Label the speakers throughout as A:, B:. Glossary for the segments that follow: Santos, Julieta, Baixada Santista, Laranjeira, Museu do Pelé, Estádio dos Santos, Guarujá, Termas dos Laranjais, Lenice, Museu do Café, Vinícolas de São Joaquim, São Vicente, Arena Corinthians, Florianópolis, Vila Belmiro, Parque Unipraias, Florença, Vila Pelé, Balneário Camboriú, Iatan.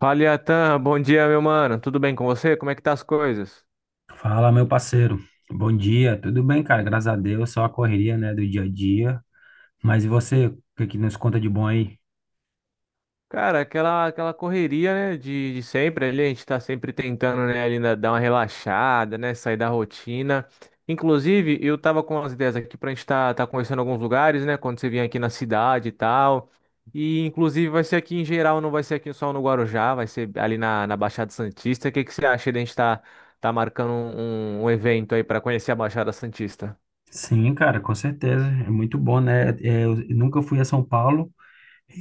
A: Fala, Iatan, bom dia, meu mano. Tudo bem com você? Como é que tá as coisas?
B: Fala, meu parceiro. Bom dia. Tudo bem, cara? Graças a Deus. Só a correria, né, do dia a dia. Mas e você? O que que nos conta de bom aí?
A: Cara, aquela correria, né, de sempre ali, a gente tá sempre tentando, né, dar uma relaxada, né, sair da rotina. Inclusive, eu tava com as ideias aqui pra gente tá conhecendo alguns lugares, né, quando você vier aqui na cidade e tal. E, inclusive, vai ser aqui em geral, não vai ser aqui só no Guarujá, vai ser ali na Baixada Santista. O que que você acha de a gente tá marcando um evento aí pra conhecer a Baixada Santista?
B: Sim, cara, com certeza. É muito bom, né? É, eu nunca fui a São Paulo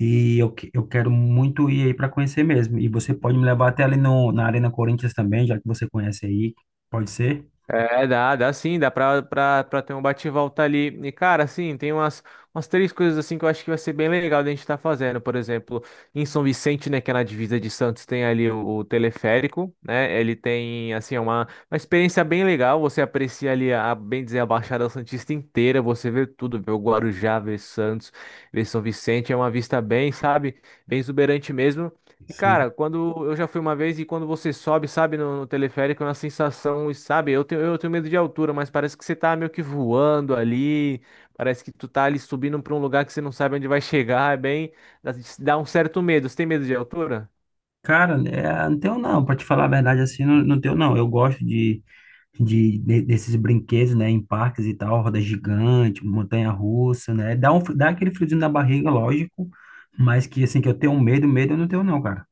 B: e eu quero muito ir aí para conhecer mesmo. E você pode me levar até ali no, na Arena Corinthians também, já que você conhece aí. Pode ser?
A: É, dá sim, dá pra ter um bate e volta ali. E, cara, assim, tem umas três coisas assim que eu acho que vai ser bem legal da gente estar fazendo. Por exemplo, em São Vicente, né, que é na divisa de Santos, tem ali o teleférico, né? Ele tem, assim, é uma experiência bem legal. Você aprecia ali, a, bem dizer, a Baixada Santista inteira. Você vê tudo, vê o Guarujá, vê Santos, vê São Vicente. É uma vista bem, sabe, bem exuberante mesmo. E, cara, quando eu já fui uma vez e quando você sobe, sabe, no teleférico, é uma sensação, e sabe, eu tenho medo de altura, mas parece que você tá meio que voando ali, parece que tu tá ali subindo pra um lugar que você não sabe onde vai chegar, é bem, dá dá um certo medo. Você tem medo de altura?
B: Cara, é, não tenho não, pra te falar a verdade assim, não, não tenho não. Eu gosto de desses brinquedos, né, em parques e tal, roda gigante, montanha-russa, né? Dá aquele friozinho na barriga, lógico, mas que assim que eu tenho medo, medo eu não tenho não, cara.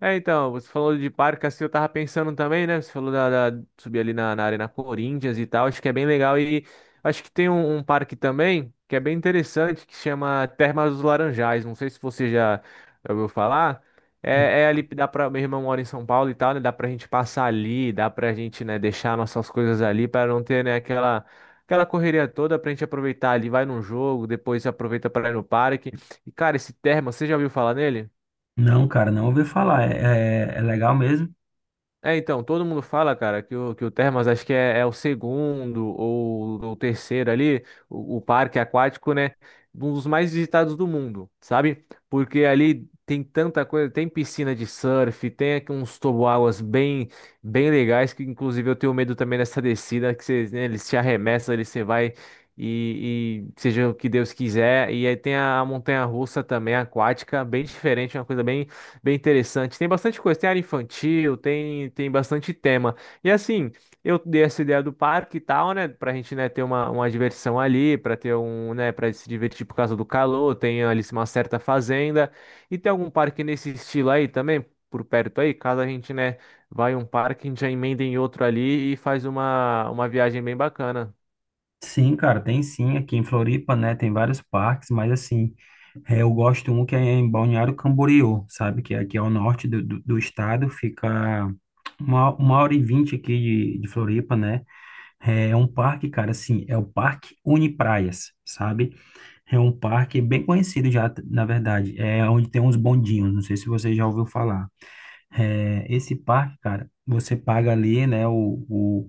A: É, então, você falou de parque, assim, eu tava pensando também, né? Você falou da subir ali na Arena Corinthians e tal, acho que é bem legal. E acho que tem um parque também que é bem interessante, que chama Termas dos Laranjais. Não sei se você já ouviu falar. É, é ali, dá pra. Meu irmão mora em São Paulo e tal, né? Dá pra gente passar ali, dá pra gente, né, deixar nossas coisas ali para não ter, né, aquela. Aquela correria toda pra gente aproveitar ali, vai num jogo, depois aproveita pra ir no parque. E cara, esse termo você já ouviu falar nele?
B: Não, cara, não ouvi falar. É legal mesmo.
A: É, então, todo mundo fala, cara, que o Termas acho que é, é o segundo ou o terceiro ali, o parque aquático, né? Um dos mais visitados do mundo, sabe? Porque ali tem tanta coisa, tem piscina de surf, tem aqui uns toboáguas bem, bem legais, que inclusive eu tenho medo também dessa descida, que você, né, eles te arremessam ali, você vai e seja o que Deus quiser. E aí tem a montanha-russa também, aquática, bem diferente, uma coisa bem interessante. Tem bastante coisa. Tem área infantil, tem bastante tema. E assim, eu dei essa ideia do parque e tal, né? Pra gente, né, ter uma diversão ali, pra ter um, né, pra se divertir por causa do calor. Tem ali uma certa fazenda. E tem algum parque nesse estilo aí também, por perto aí? Caso a gente, né, vai em um parque, a gente já emenda em outro ali e faz uma viagem bem bacana.
B: Sim, cara, tem sim. Aqui em Floripa, né, tem vários parques, mas assim, é, eu gosto um que é em Balneário Camboriú, sabe? Que é aqui é ao norte do estado, fica uma hora e vinte aqui de Floripa, né? É um parque, cara, assim, é o Parque Unipraias, sabe? É um parque bem conhecido já, na verdade, é onde tem uns bondinhos, não sei se você já ouviu falar. É, esse parque, cara, você paga ali, né, o,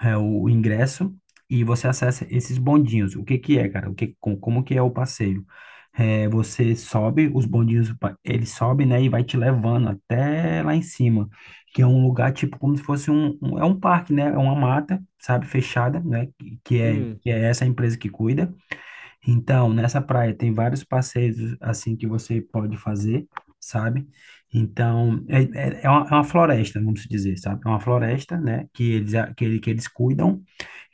B: é, o ingresso e você acessa esses bondinhos. O que que é, cara? Como que é o passeio? É, você sobe, os bondinhos, ele sobe, né, e vai te levando até lá em cima, que é um lugar tipo como se fosse um parque, né, é uma mata, sabe, fechada, né, que que é,
A: Sim.
B: que é essa empresa que cuida. Então, nessa praia tem vários passeios assim que você pode fazer, sabe? Então, é uma floresta, vamos dizer, sabe? É uma floresta, né? Que eles cuidam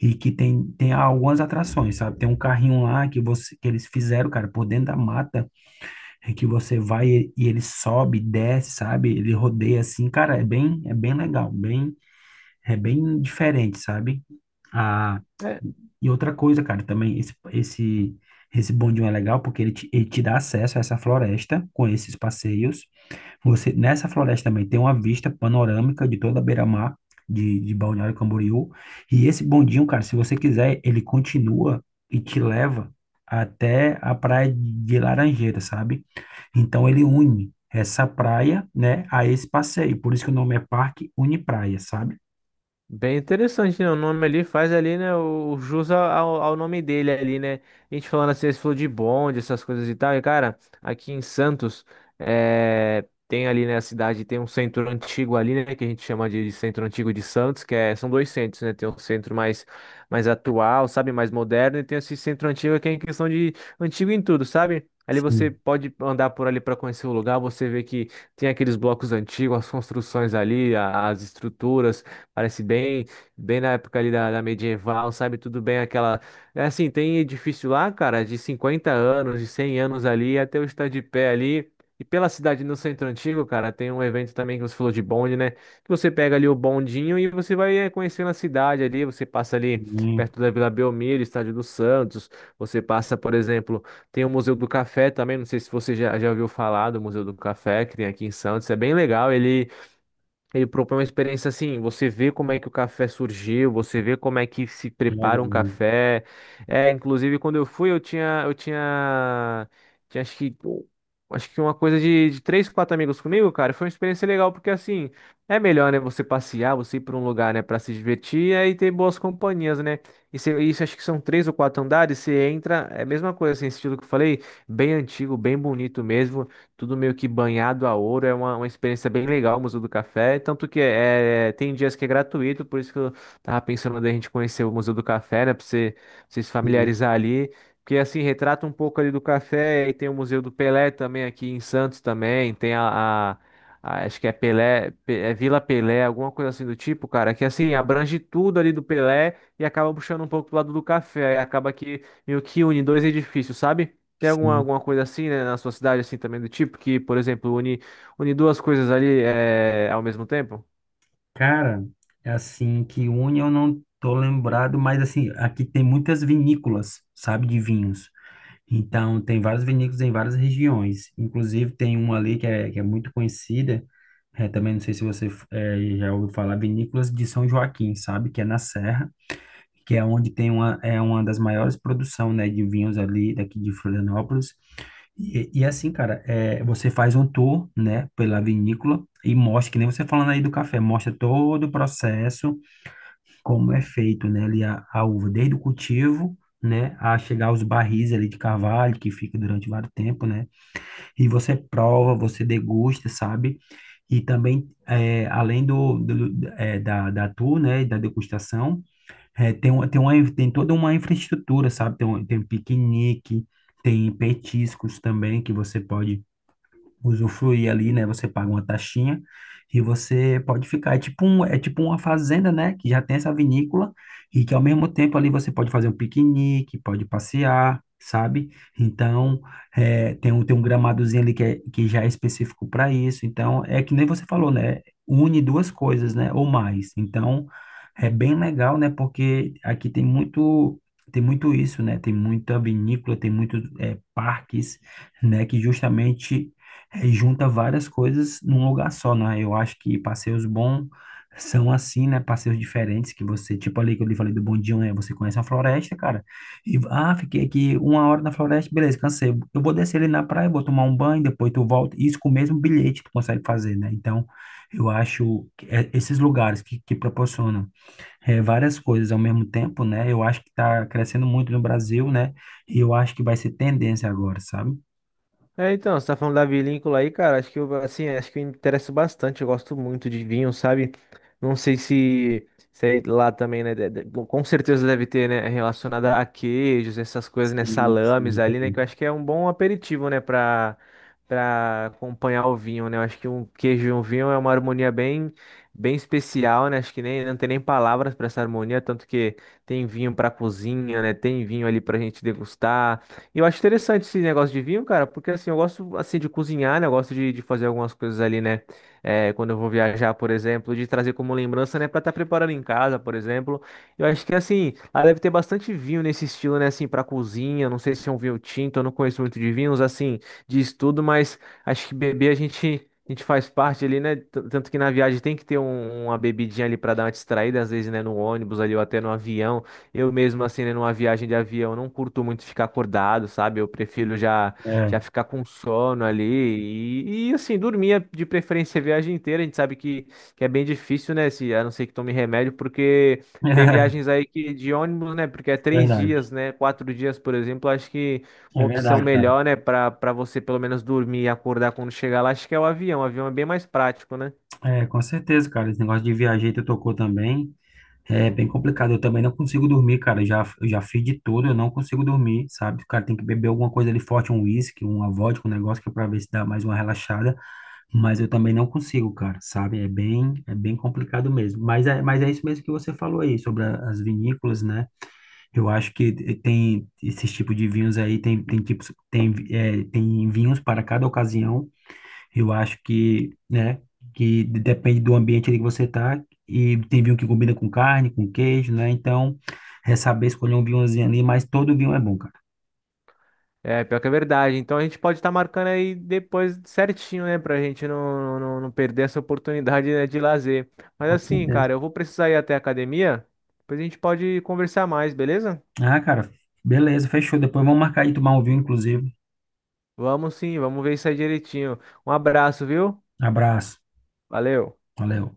B: e que tem algumas atrações, sabe? Tem um carrinho lá que eles fizeram, cara, por dentro da mata, em que você vai e ele sobe, desce, sabe? Ele rodeia assim, cara, é bem, legal, é bem diferente, sabe? Ah, e outra coisa, cara, também esse bondinho é legal porque ele te dá acesso a essa floresta com esses passeios. Nessa floresta também tem uma vista panorâmica de toda a beira-mar de Balneário Camboriú. E esse bondinho, cara, se você quiser, ele continua e te leva até a praia de Laranjeira, sabe? Então ele une essa praia, né, a esse passeio. Por isso que o nome é Parque Une Praia, sabe?
A: Bem interessante, né? O nome ali faz ali, né? O jus ao nome dele ali, né? A gente falando assim, esse falou de bonde, essas coisas e tal. E, cara, aqui em Santos, é, tem ali, né? A cidade tem um centro antigo ali, né? Que a gente chama de centro antigo de Santos, que é, são dois centros, né? Tem um centro mais atual, sabe? Mais moderno. E tem esse centro antigo que é em questão de antigo em tudo, sabe? Ali você
B: Sim,
A: pode andar por ali para conhecer o lugar, você vê que tem aqueles blocos antigos, as construções ali, as estruturas. Parece bem, bem na época ali da medieval, sabe? Tudo bem aquela. É assim, tem edifício lá, cara, de 50 anos, de 100 anos ali, até o estar de pé ali. E pela cidade no centro antigo, cara, tem um evento também que você falou de bonde, né? Que você pega ali o bondinho e você vai conhecendo a cidade ali. Você passa ali
B: sim,
A: perto da Vila Belmiro, Estádio dos Santos. Você passa, por exemplo, tem o Museu do Café também. Não sei se você já ouviu falar do Museu do Café, que tem aqui em Santos. É bem legal. Ele propõe uma experiência assim, você vê como é que o café surgiu, você vê como é que se prepara um
B: legal.
A: café. É, inclusive quando eu fui, eu tinha acho que uma coisa de três, quatro amigos comigo, cara. Foi uma experiência legal porque assim, é melhor, né, você passear, você ir para um lugar, né, para se divertir e aí ter boas companhias, né? Isso, acho que são três ou quatro andares, você entra, é a mesma coisa, assim, esse estilo que eu falei, bem antigo, bem bonito mesmo tudo meio que banhado a ouro. É uma experiência bem legal o Museu do Café. Tanto que tem dias que é gratuito, por isso que eu tava pensando da gente conhecer o Museu do Café, né? Pra você se
B: Sim,
A: familiarizar ali. Porque assim, retrata um pouco ali do café. E tem o Museu do Pelé também aqui em Santos também. Tem a... a- Acho que é Pelé, é Vila Pelé, alguma coisa assim do tipo, cara, que assim, abrange tudo ali do Pelé e acaba puxando um pouco pro lado do café, aí acaba que meio que une dois edifícios, sabe? Tem alguma,
B: sim.
A: alguma coisa assim, né, na sua cidade, assim, também do tipo, que, por exemplo, une duas coisas ali ao mesmo tempo?
B: Cara, é assim que une eu não tô lembrado, mas assim, aqui tem muitas vinícolas, sabe, de vinhos. Então, tem vários vinícolas em várias regiões. Inclusive, tem uma ali que é muito conhecida, é, também não sei se você já ouviu falar, Vinícolas de São Joaquim, sabe, que é na Serra, que é onde tem uma das maiores produção, né, de vinhos ali daqui de Florianópolis. E assim, cara, é, você faz um tour, né, pela vinícola e mostra, que nem você falando aí do café, mostra todo o processo, como é feito, né, ali a uva, desde o cultivo, né, a chegar aos barris ali de carvalho, que fica durante vários tempo, né, e você prova, você degusta, sabe? E também, é, além da tour, né, e da degustação, é, tem toda uma infraestrutura, sabe? Tem piquenique, tem petiscos também que você pode usufruir ali, né? Você paga uma taxinha e você pode ficar. É tipo uma fazenda, né? Que já tem essa vinícola e que ao mesmo tempo ali você pode fazer um piquenique, pode passear, sabe? Então, tem um gramadozinho ali que já é específico para isso. Então, é que nem você falou, né? Une duas coisas, né? Ou mais. Então, é bem legal, né? Porque aqui tem muito. Tem muito isso, né? Tem muita vinícola, tem muitos parques, né? Que justamente junta várias coisas num lugar só, né? Eu acho que passeios bons são assim, né? Passeios diferentes que você, tipo ali que eu lhe falei do bondinho, né? Você conhece a floresta, cara. E fiquei aqui uma hora na floresta, beleza, cansei. Eu vou descer ali na praia, vou tomar um banho, depois tu volta. Isso com o mesmo bilhete tu consegue fazer, né? Então, eu acho que esses lugares que proporcionam várias coisas ao mesmo tempo, né? Eu acho que tá crescendo muito no Brasil, né? E eu acho que vai ser tendência agora, sabe?
A: É, então, você tá falando da vinícola aí, cara, acho que eu, assim, acho que eu me interessa bastante, eu gosto muito de vinho, sabe? Não sei se aí lá também, né, bom, com certeza deve ter, né, relacionada a queijos, essas coisas, né,
B: Sim, sim,
A: salames ali, né,
B: entendi.
A: que eu acho que é um bom aperitivo, né, pra acompanhar o vinho, né, eu acho que um queijo e um vinho é uma harmonia bem, bem especial, né, acho que nem, não tem nem palavras pra essa harmonia, tanto que tem vinho pra cozinha, né, tem vinho ali pra gente degustar, e eu acho interessante esse negócio de vinho, cara, porque assim, eu gosto assim de cozinhar, né? Eu gosto de fazer algumas coisas ali, né? É, quando eu vou viajar, por exemplo, de trazer como lembrança, né? Pra estar preparando em casa, por exemplo. Eu acho que assim, lá deve ter bastante vinho nesse estilo, né? Assim, pra cozinha. Não sei se é um vinho tinto, eu não conheço muito de vinhos, assim, de estudo, mas acho que beber a gente. A gente faz parte ali, né? Tanto que na viagem tem que ter uma bebidinha ali pra dar uma distraída, às vezes, né? No ônibus ali ou até no avião. Eu mesmo, assim, né, numa viagem de avião, não curto muito ficar acordado, sabe? Eu prefiro já,
B: É.
A: já ficar com sono ali e assim, dormir de preferência a viagem inteira. A gente sabe que é bem difícil, né? Se, a não ser que tome remédio, porque tem viagens aí que, de ônibus, né? Porque é
B: É
A: três
B: verdade,
A: dias, né? 4 dias, por exemplo, acho que
B: é
A: uma opção
B: verdade, cara.
A: melhor, né? Para você pelo menos dormir e acordar quando chegar lá, acho que é o avião. O avião é bem mais prático, né?
B: É, com certeza, cara. Esse negócio de viajar que tu tocou também é bem complicado. Eu também não consigo dormir, cara. Eu já fiz de tudo, eu não consigo dormir, sabe? O cara tem que beber alguma coisa ali forte, um uísque, uma vodka, um negócio que é pra ver se dá mais uma relaxada. Mas eu também não consigo, cara, sabe? É bem complicado mesmo. Mas é isso mesmo que você falou aí sobre as vinícolas, né? Eu acho que tem esses tipos de vinhos aí, tem tipos, tem vinhos para cada ocasião. Eu acho que, né, que depende do ambiente ali que você tá, e tem vinho que combina com carne, com queijo, né? Então, é saber escolher um vinhozinho ali, mas todo vinho é bom, cara.
A: É, pior que é verdade. Então a gente pode estar marcando aí depois certinho, né? Pra gente não perder essa oportunidade, né, de lazer. Mas
B: Com
A: assim,
B: certeza.
A: cara, eu vou precisar ir até a academia. Depois a gente pode conversar mais, beleza?
B: Ah, cara, beleza, fechou. Depois vamos marcar de tomar um vinho, inclusive.
A: Vamos sim, vamos ver isso aí direitinho. Um abraço, viu?
B: Abraço.
A: Valeu.
B: Valeu.